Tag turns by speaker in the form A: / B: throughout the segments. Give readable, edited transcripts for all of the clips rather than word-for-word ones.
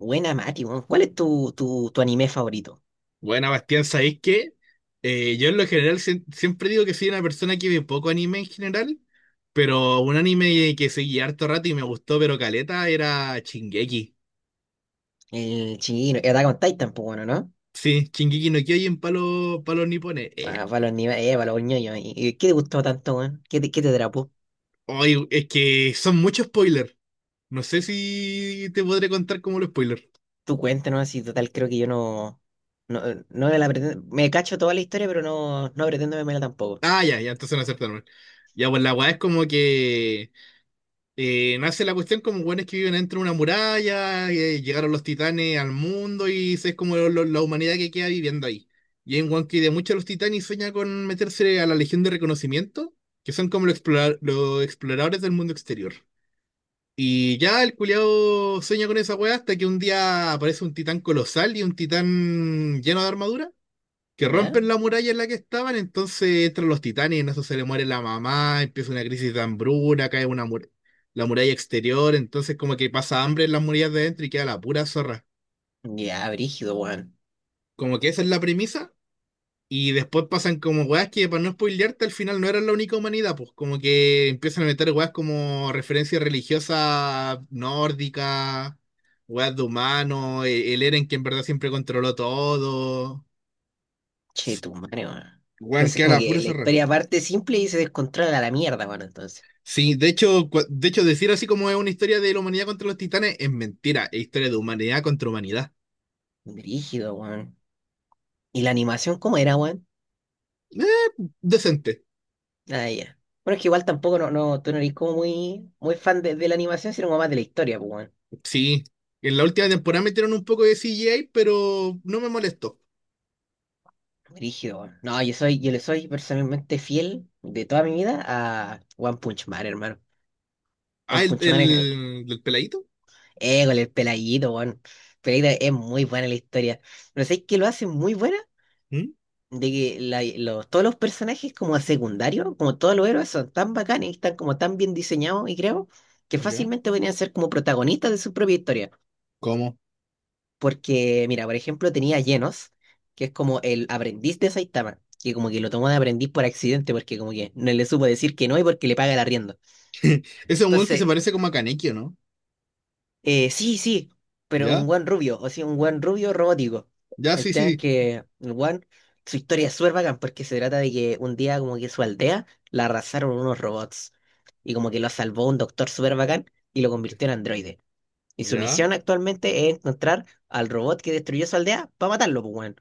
A: Buena, Mati, weón. ¿Cuál es tu anime favorito?
B: Buena, Bastián, ¿sabéis qué? Yo en lo general siempre digo que soy una persona que ve poco anime en general, pero un anime que seguí harto rato y me gustó, pero caleta, era Shingeki.
A: El chino, el Attack on Titan, pues bueno, ¿no?
B: Sí, Shingeki no Kyojin para los, pa' los nipones.
A: Ah, para los animes, para los ñoños. ¿Y qué te gustó tanto, weón? ¿Qué te atrapó?
B: Es que son muchos spoilers. No sé si te podré contar como los spoilers.
A: Tú cuéntanos, así total, creo que yo no me la pretendo, me cacho toda la historia, pero no pretendo vermela tampoco.
B: Ah, ya, ya, entonces no aceptaron. Ya, pues la weá es como que nace la cuestión como buenos que viven dentro de una muralla, llegaron los titanes al mundo y es como la humanidad que queda viviendo ahí. Y en One que de muchos de los titanes sueña con meterse a la Legión de Reconocimiento, que son como los, los exploradores del mundo exterior. Y ya el culiao sueña con esa weá hasta que un día aparece un titán colosal y un titán lleno de armadura que
A: ¿Ya?
B: rompen la muralla en la que estaban, entonces entran los titanes y en eso se le muere la mamá, empieza una crisis de hambruna, cae una la muralla exterior, entonces como que pasa hambre en las murallas de dentro y queda la pura zorra.
A: Ya, brígido, weón.
B: Como que esa es la premisa, y después pasan como weas que para no spoilearte al final no eran la única humanidad, pues como que empiezan a meter weas como referencias religiosas nórdicas, weas de humanos, el Eren que en verdad siempre controló todo.
A: Che, tu madre, weón.
B: Weón,
A: Entonces,
B: queda
A: como
B: la
A: que
B: pura
A: la
B: zorra.
A: historia parte simple y se descontrola a la mierda, weón, entonces.
B: Sí, de hecho, decir así como es una historia de la humanidad contra los titanes es mentira, es historia de humanidad contra humanidad.
A: Brígido, weón. ¿Y la animación cómo era, weón?
B: Eh, decente,
A: Ah, ya. Bueno, es que igual tampoco tú no eres como muy, muy fan de la animación, sino como más de la historia, pues, weón.
B: sí. En la última temporada metieron un poco de CGI, pero no me molestó.
A: Rígido, weón. No, yo soy, yo le soy personalmente fiel de toda mi vida a One Punch Man, hermano.
B: Ah,
A: One
B: el
A: Punch Man es
B: del peladito.
A: el peladito, weón. Peladito es muy buena la historia. Pero ¿sabes qué lo hace muy buena?
B: ¿Mm?
A: De que todos los personajes como secundarios, como todos los héroes, son tan bacanes y están como tan bien diseñados y creo que
B: ¿Ya?
A: fácilmente podrían ser como protagonistas de su propia historia.
B: ¿Cómo?
A: Porque, mira, por ejemplo, tenía a Genos, que es como el aprendiz de Saitama, que como que lo tomó de aprendiz por accidente, porque como que no le supo decir que no y porque le paga el arriendo.
B: Ese es un weón que se
A: Entonces,
B: parece como a Kaneki, ¿o no?
A: eh, sí, sí, pero un
B: ¿Ya?
A: buen rubio, o sea, un buen rubio robótico.
B: ¿Ya?
A: El
B: Sí, sí,
A: tema es
B: sí.
A: que su historia es súper bacán, porque se trata de que un día como que su aldea la arrasaron unos robots, y como que lo salvó un doctor súper bacán y lo
B: ¿Ya?
A: convirtió en androide. Y su
B: ¿Ya?
A: misión actualmente es encontrar al robot que destruyó su aldea para matarlo, pues, weón.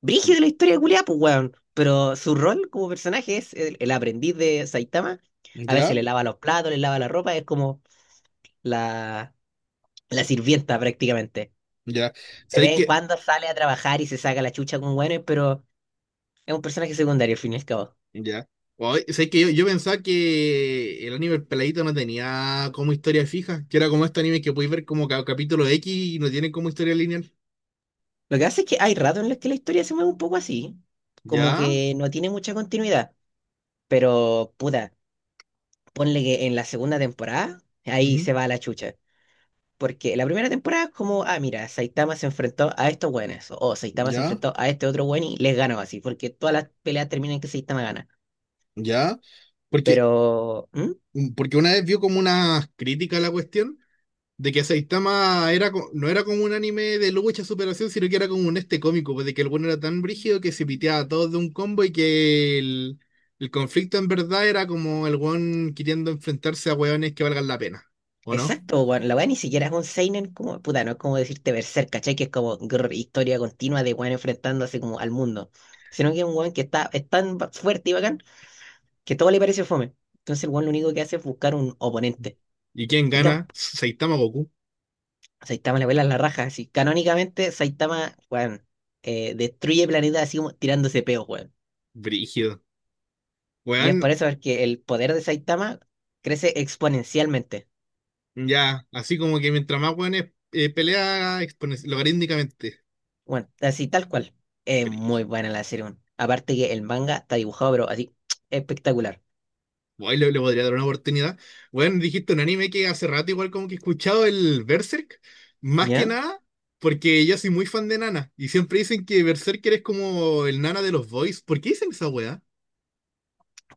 A: Brígido la historia de culiá, pues, weón. Pero su rol como personaje es el aprendiz de Saitama. A
B: ¿Ya?
A: veces le lava los platos, le lava la ropa, es como la, la sirvienta prácticamente.
B: ¿Ya?
A: De vez
B: ¿Sabéis
A: en
B: que
A: cuando sale a trabajar y se saca la chucha con weones, pero es un personaje secundario al fin y al cabo.
B: ya? Oye, sé que yo pensaba que el anime El Peladito no tenía como historia fija, que era como este anime que podéis ver como capítulo X y no tiene como historia lineal.
A: Lo que hace es que hay ratos en los que la historia se mueve un poco así, como
B: Ya,
A: que no tiene mucha continuidad. Pero, puta, ponle que en la segunda temporada, ahí
B: ujú,
A: se va a la chucha. Porque la primera temporada es como, ah, mira, Saitama se enfrentó a estos buenos, o Saitama se
B: ya,
A: enfrentó a este otro buen y les ganó así, porque todas las peleas terminan en que Saitama gana.
B: ya. Porque,
A: Pero,
B: porque una vez vio como una crítica a la cuestión. De que Saitama era, no era como un anime de lucha superación, sino que era como un este cómico, pues de que el bueno era tan brígido que se piteaba a todos de un combo y que el conflicto en verdad era como el one queriendo enfrentarse a hueones que valgan la pena, ¿o no?
A: exacto, weón, la weá ni siquiera es un seinen como, puta, no es como decirte Berserk, ¿cachai? Que es como grr, historia continua de weón enfrentándose como al mundo. Sino que es un weón que está, es tan ba- fuerte y bacán que todo le parece fome. Entonces el weón lo único que hace es buscar un oponente.
B: ¿Y quién
A: Y
B: gana? ¿Saitama o Goku?
A: Saitama le vuela la raja, así. Canónicamente, Saitama, weón, destruye planetas así como tirándose peos, weón.
B: Brígido.
A: Y
B: Weón,
A: es por eso que el poder de Saitama crece exponencialmente.
B: ya, así como que mientras más hueones pelea logarítmicamente.
A: Bueno, así tal cual. Es muy buena la serie, weón. Aparte que el manga está dibujado, pero así, espectacular.
B: Guay, le podría dar una oportunidad. Bueno, dijiste un anime que hace rato igual como que he escuchado el Berserk, más que
A: ¿Ya?
B: nada porque yo soy muy fan de Nana y siempre dicen que Berserker es como el Nana de los boys. ¿Por qué dicen esa weá?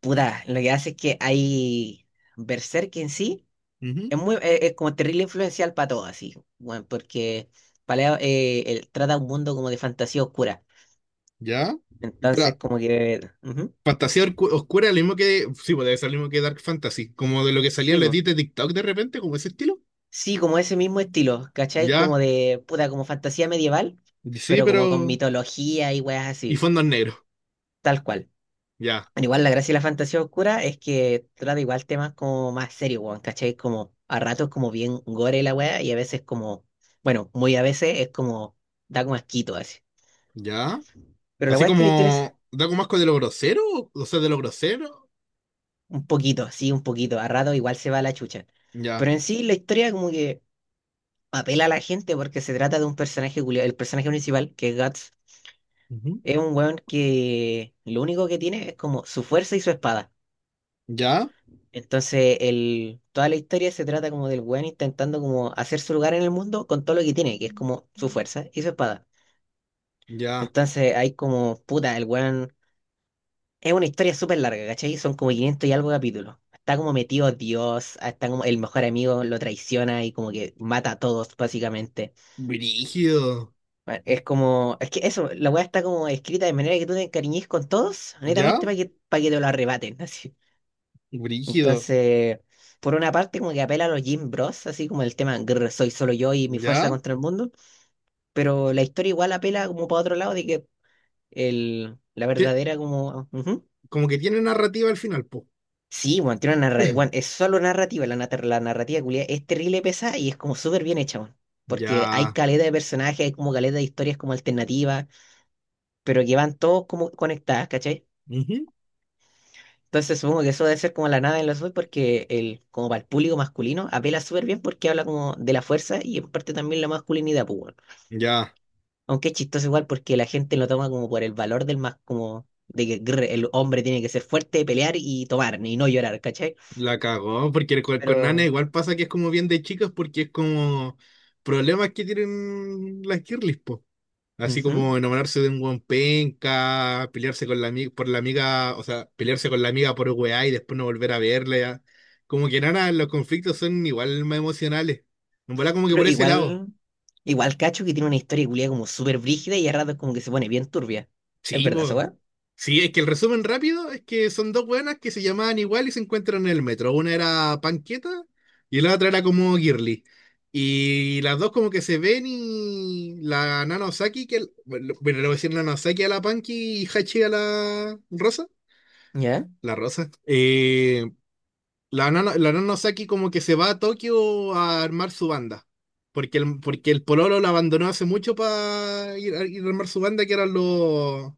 A: Puta, lo que hace es que hay, Berserk en sí
B: Ujú.
A: es como terrible influencial para todo, así, bueno, porque Paleo él trata un mundo como de fantasía oscura.
B: ¿Ya?
A: Entonces,
B: Espera,
A: como que ujú.
B: oscura, lo mismo que... Sí, pues debe ser lo mismo que Dark Fantasy, como de lo que salían
A: Sí,
B: los
A: po.
B: edits de TikTok de repente, como ese estilo.
A: Sí, como ese mismo estilo, ¿cachai? Como
B: Ya,
A: de, puta, como fantasía medieval,
B: sí,
A: pero como con
B: pero...
A: mitología y weas
B: Y
A: así,
B: fondos negros,
A: tal cual.
B: ya,
A: Bueno, igual la gracia de la fantasía oscura es que trata igual temas como más serios, weón, ¿cachai? Como a ratos como bien gore la wea y a veces como, bueno, muy a veces es como, da como asquito así.
B: ya.
A: Pero la
B: Así
A: wea es que la historia es
B: como... Da como asco de lo grosero, o sea, de lo grosero,
A: un poquito, sí, un poquito, a ratos igual se va a la chucha.
B: ya.
A: Pero en sí la historia como que apela a la gente porque se trata de un personaje, culiao- el personaje principal, que es Guts. Es un weón que lo único que tiene es como su fuerza y su espada.
B: ¿Ya?
A: Entonces, toda la historia se trata como del weón intentando como hacer su lugar en el mundo con todo lo que tiene, que es como su fuerza y su espada.
B: Ya.
A: Entonces, hay como, puta, el weón... Es una historia súper larga, ¿cachai? Son como 500 y algo capítulos. Está como metido Dios, ah, está como el mejor amigo lo traiciona y como que mata a todos, básicamente.
B: Brígido.
A: Bueno, es como, es que eso, la weá está como escrita de manera que tú te encariñes con todos,
B: ¿Ya?
A: netamente para que te lo arrebaten, así.
B: Brígido.
A: Entonces, por una parte, como que apela a los Jim Bros, así como el tema "Grr, soy solo yo y mi fuerza
B: ¿Ya?
A: contra el mundo", pero la historia igual apela como para otro lado de que la
B: Te-
A: verdadera como... ujú.
B: como que tiene narrativa al final, po.
A: Sí, bueno, tiene una narrativa, es solo narrativa, la narrativa culiá es terrible pesada y es como súper bien hecha, weón. Porque hay
B: Ya.
A: caleta de personajes, hay como caleta de historias como alternativas, pero que van todos como conectadas, ¿cachai?
B: Ujú.
A: Entonces supongo que eso debe ser como la nada en los dos porque como para el público masculino apela súper bien porque habla como de la fuerza y en parte también la masculinidad, pues, weón.
B: Ya.
A: Aunque es chistoso igual porque la gente lo toma como por el valor del más, como de que grr, el hombre tiene que ser fuerte, pelear y tomar y no llorar, ¿cachai?
B: La cagó. Porque con Nana
A: Pero,
B: igual pasa que es como bien de chicas porque es como problemas que tienen las girlies, po. Así
A: ujú.
B: como enamorarse de un buen penca, pelearse con la amiga, por la amiga, o sea, pelearse con la amiga por weá y después no volver a verla. Ya. Como que Nana, los conflictos son igual más emocionales. En verdad, como que
A: Pero
B: por ese lado.
A: igual, igual cacho que tiene una historia culia como súper brígida y a ratos como que se pone bien turbia. Es
B: Sí,
A: verdad, esa
B: po.
A: weá.
B: Sí, es que el resumen rápido es que son dos buenas que se llamaban igual y se encuentran en el metro. Una era Panqueta y la otra era como Girly. Y las dos como que se ven y la Nana Osaki, que bueno, bueno, le voy a decir Nana Osaki a la Panky y Hachi a la Rosa.
A: Ya,
B: La Rosa. La nana Osaki como que se va a Tokio a armar su banda. Porque porque el Pololo la abandonó hace mucho para ir, a ir a armar su banda, que eran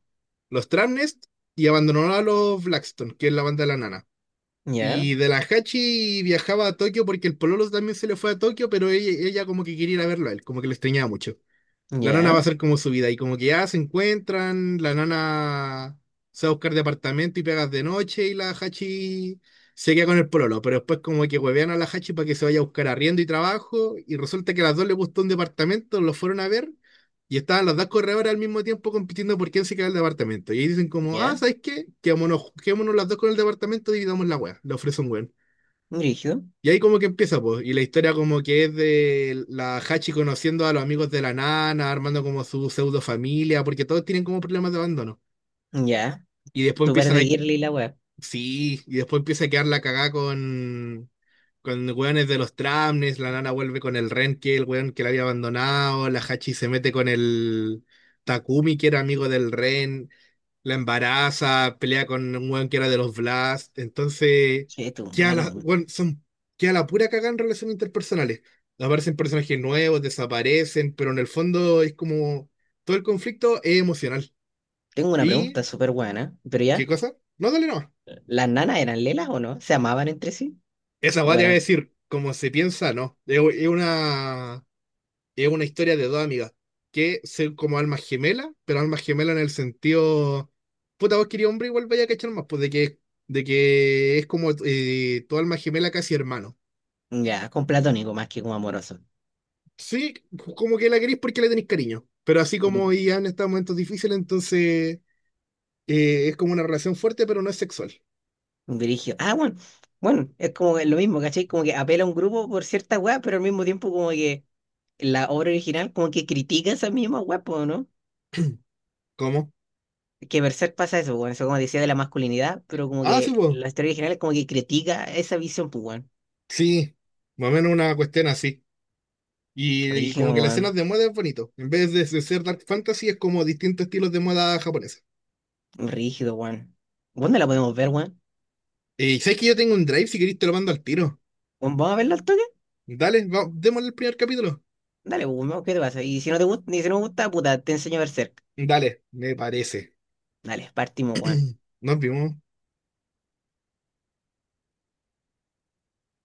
B: los Tramnest, y abandonó a los Blackstone, que es la banda de la nana.
A: ya,
B: Y de la Hachi viajaba a Tokio porque el Pololo también se le fue a Tokio, pero ella como que quería ir a verlo a él, como que le extrañaba mucho. La nana va
A: ya,
B: a ser como su vida. Y como que ya se encuentran, la nana se va a buscar departamento y pegas de noche y la Hachi se queda con el pololo. Pero después como que huevean a la Hachi para que se vaya a buscar arriendo y trabajo. Y resulta que a las dos les gustó un departamento, los fueron a ver y estaban las dos corredoras al mismo tiempo compitiendo por quién se queda el departamento. Y ahí dicen como, ah,
A: ya,
B: ¿sabes qué? Quémonos, quedémonos las dos con el departamento, y dividamos la wea. Le ofrece un wea
A: brígido,
B: y ahí como que empieza, pues, y la historia como que es de la Hachi conociendo a los amigos de la nana, armando como su pseudo familia, porque todos tienen como problemas de abandono.
A: ya,
B: Y después
A: súper
B: empiezan
A: de
B: a...
A: girly la weá.
B: Sí, y después empieza a quedar la cagá con weones de los tramnes, la nana vuelve con el Ren, que es el weón que la había abandonado, la Hachi se mete con el Takumi, que era amigo del Ren, la embaraza, pelea con un weón que era de los Blast, entonces
A: Che, tu
B: queda
A: madre, weón.
B: queda la pura cagada en relaciones interpersonales. Aparecen personajes nuevos, desaparecen, pero en el fondo es como todo el conflicto es emocional.
A: Tengo una
B: ¿Y
A: pregunta súper buena, pero
B: qué
A: ya,
B: cosa? No, dale no.
A: ¿las nanas eran lelas o no? ¿Se amaban entre sí?
B: Esa weá
A: ¿O
B: te voy a
A: eran
B: decir, como se piensa, no. Es una es una historia de dos amigas que son como almas gemelas, pero almas gemelas en el sentido, puta, vos querías hombre, igual vaya a cachar más, pues de de que es como tu alma gemela casi hermano.
A: ya con platónico más que como amoroso?
B: Sí, como que la querís porque le tenéis cariño, pero así
A: Un
B: como ya han estado en momentos difíciles, entonces es como una relación fuerte, pero no es sexual.
A: un dirigio. Ah, bueno, bueno, es como que lo mismo, ¿cachai? Como que apela a un grupo por cierta weá, pero al mismo tiempo como que la obra original como que critica esa misma weá, po, ¿no?
B: ¿Cómo?
A: Que Berserk pasa eso, bueno, eso como decía de la masculinidad, pero como
B: Ah, sí,
A: que
B: pues.
A: la historia original es como que critica esa visión, pues, weón.
B: Sí, más o menos una cuestión así. Y
A: Rígido,
B: como que las escenas
A: weón.
B: de moda es bonito. En vez de ser dark fantasy, es como distintos estilos de moda japonesa.
A: Rígido, weón. ¿Dónde la podemos ver, weón?
B: Y sabes que yo tengo un drive, si queréis te lo mando al tiro.
A: Weón, ¿vamos a verla al toque?
B: Dale, démosle el primer capítulo.
A: Dale, pues, ¿no? ¿Qué te pasa? Y si no te gusta, y si no me gusta, puta, te enseño a ver cerca.
B: Dale, me parece.
A: Dale, partimos, weón.
B: Nos vimos.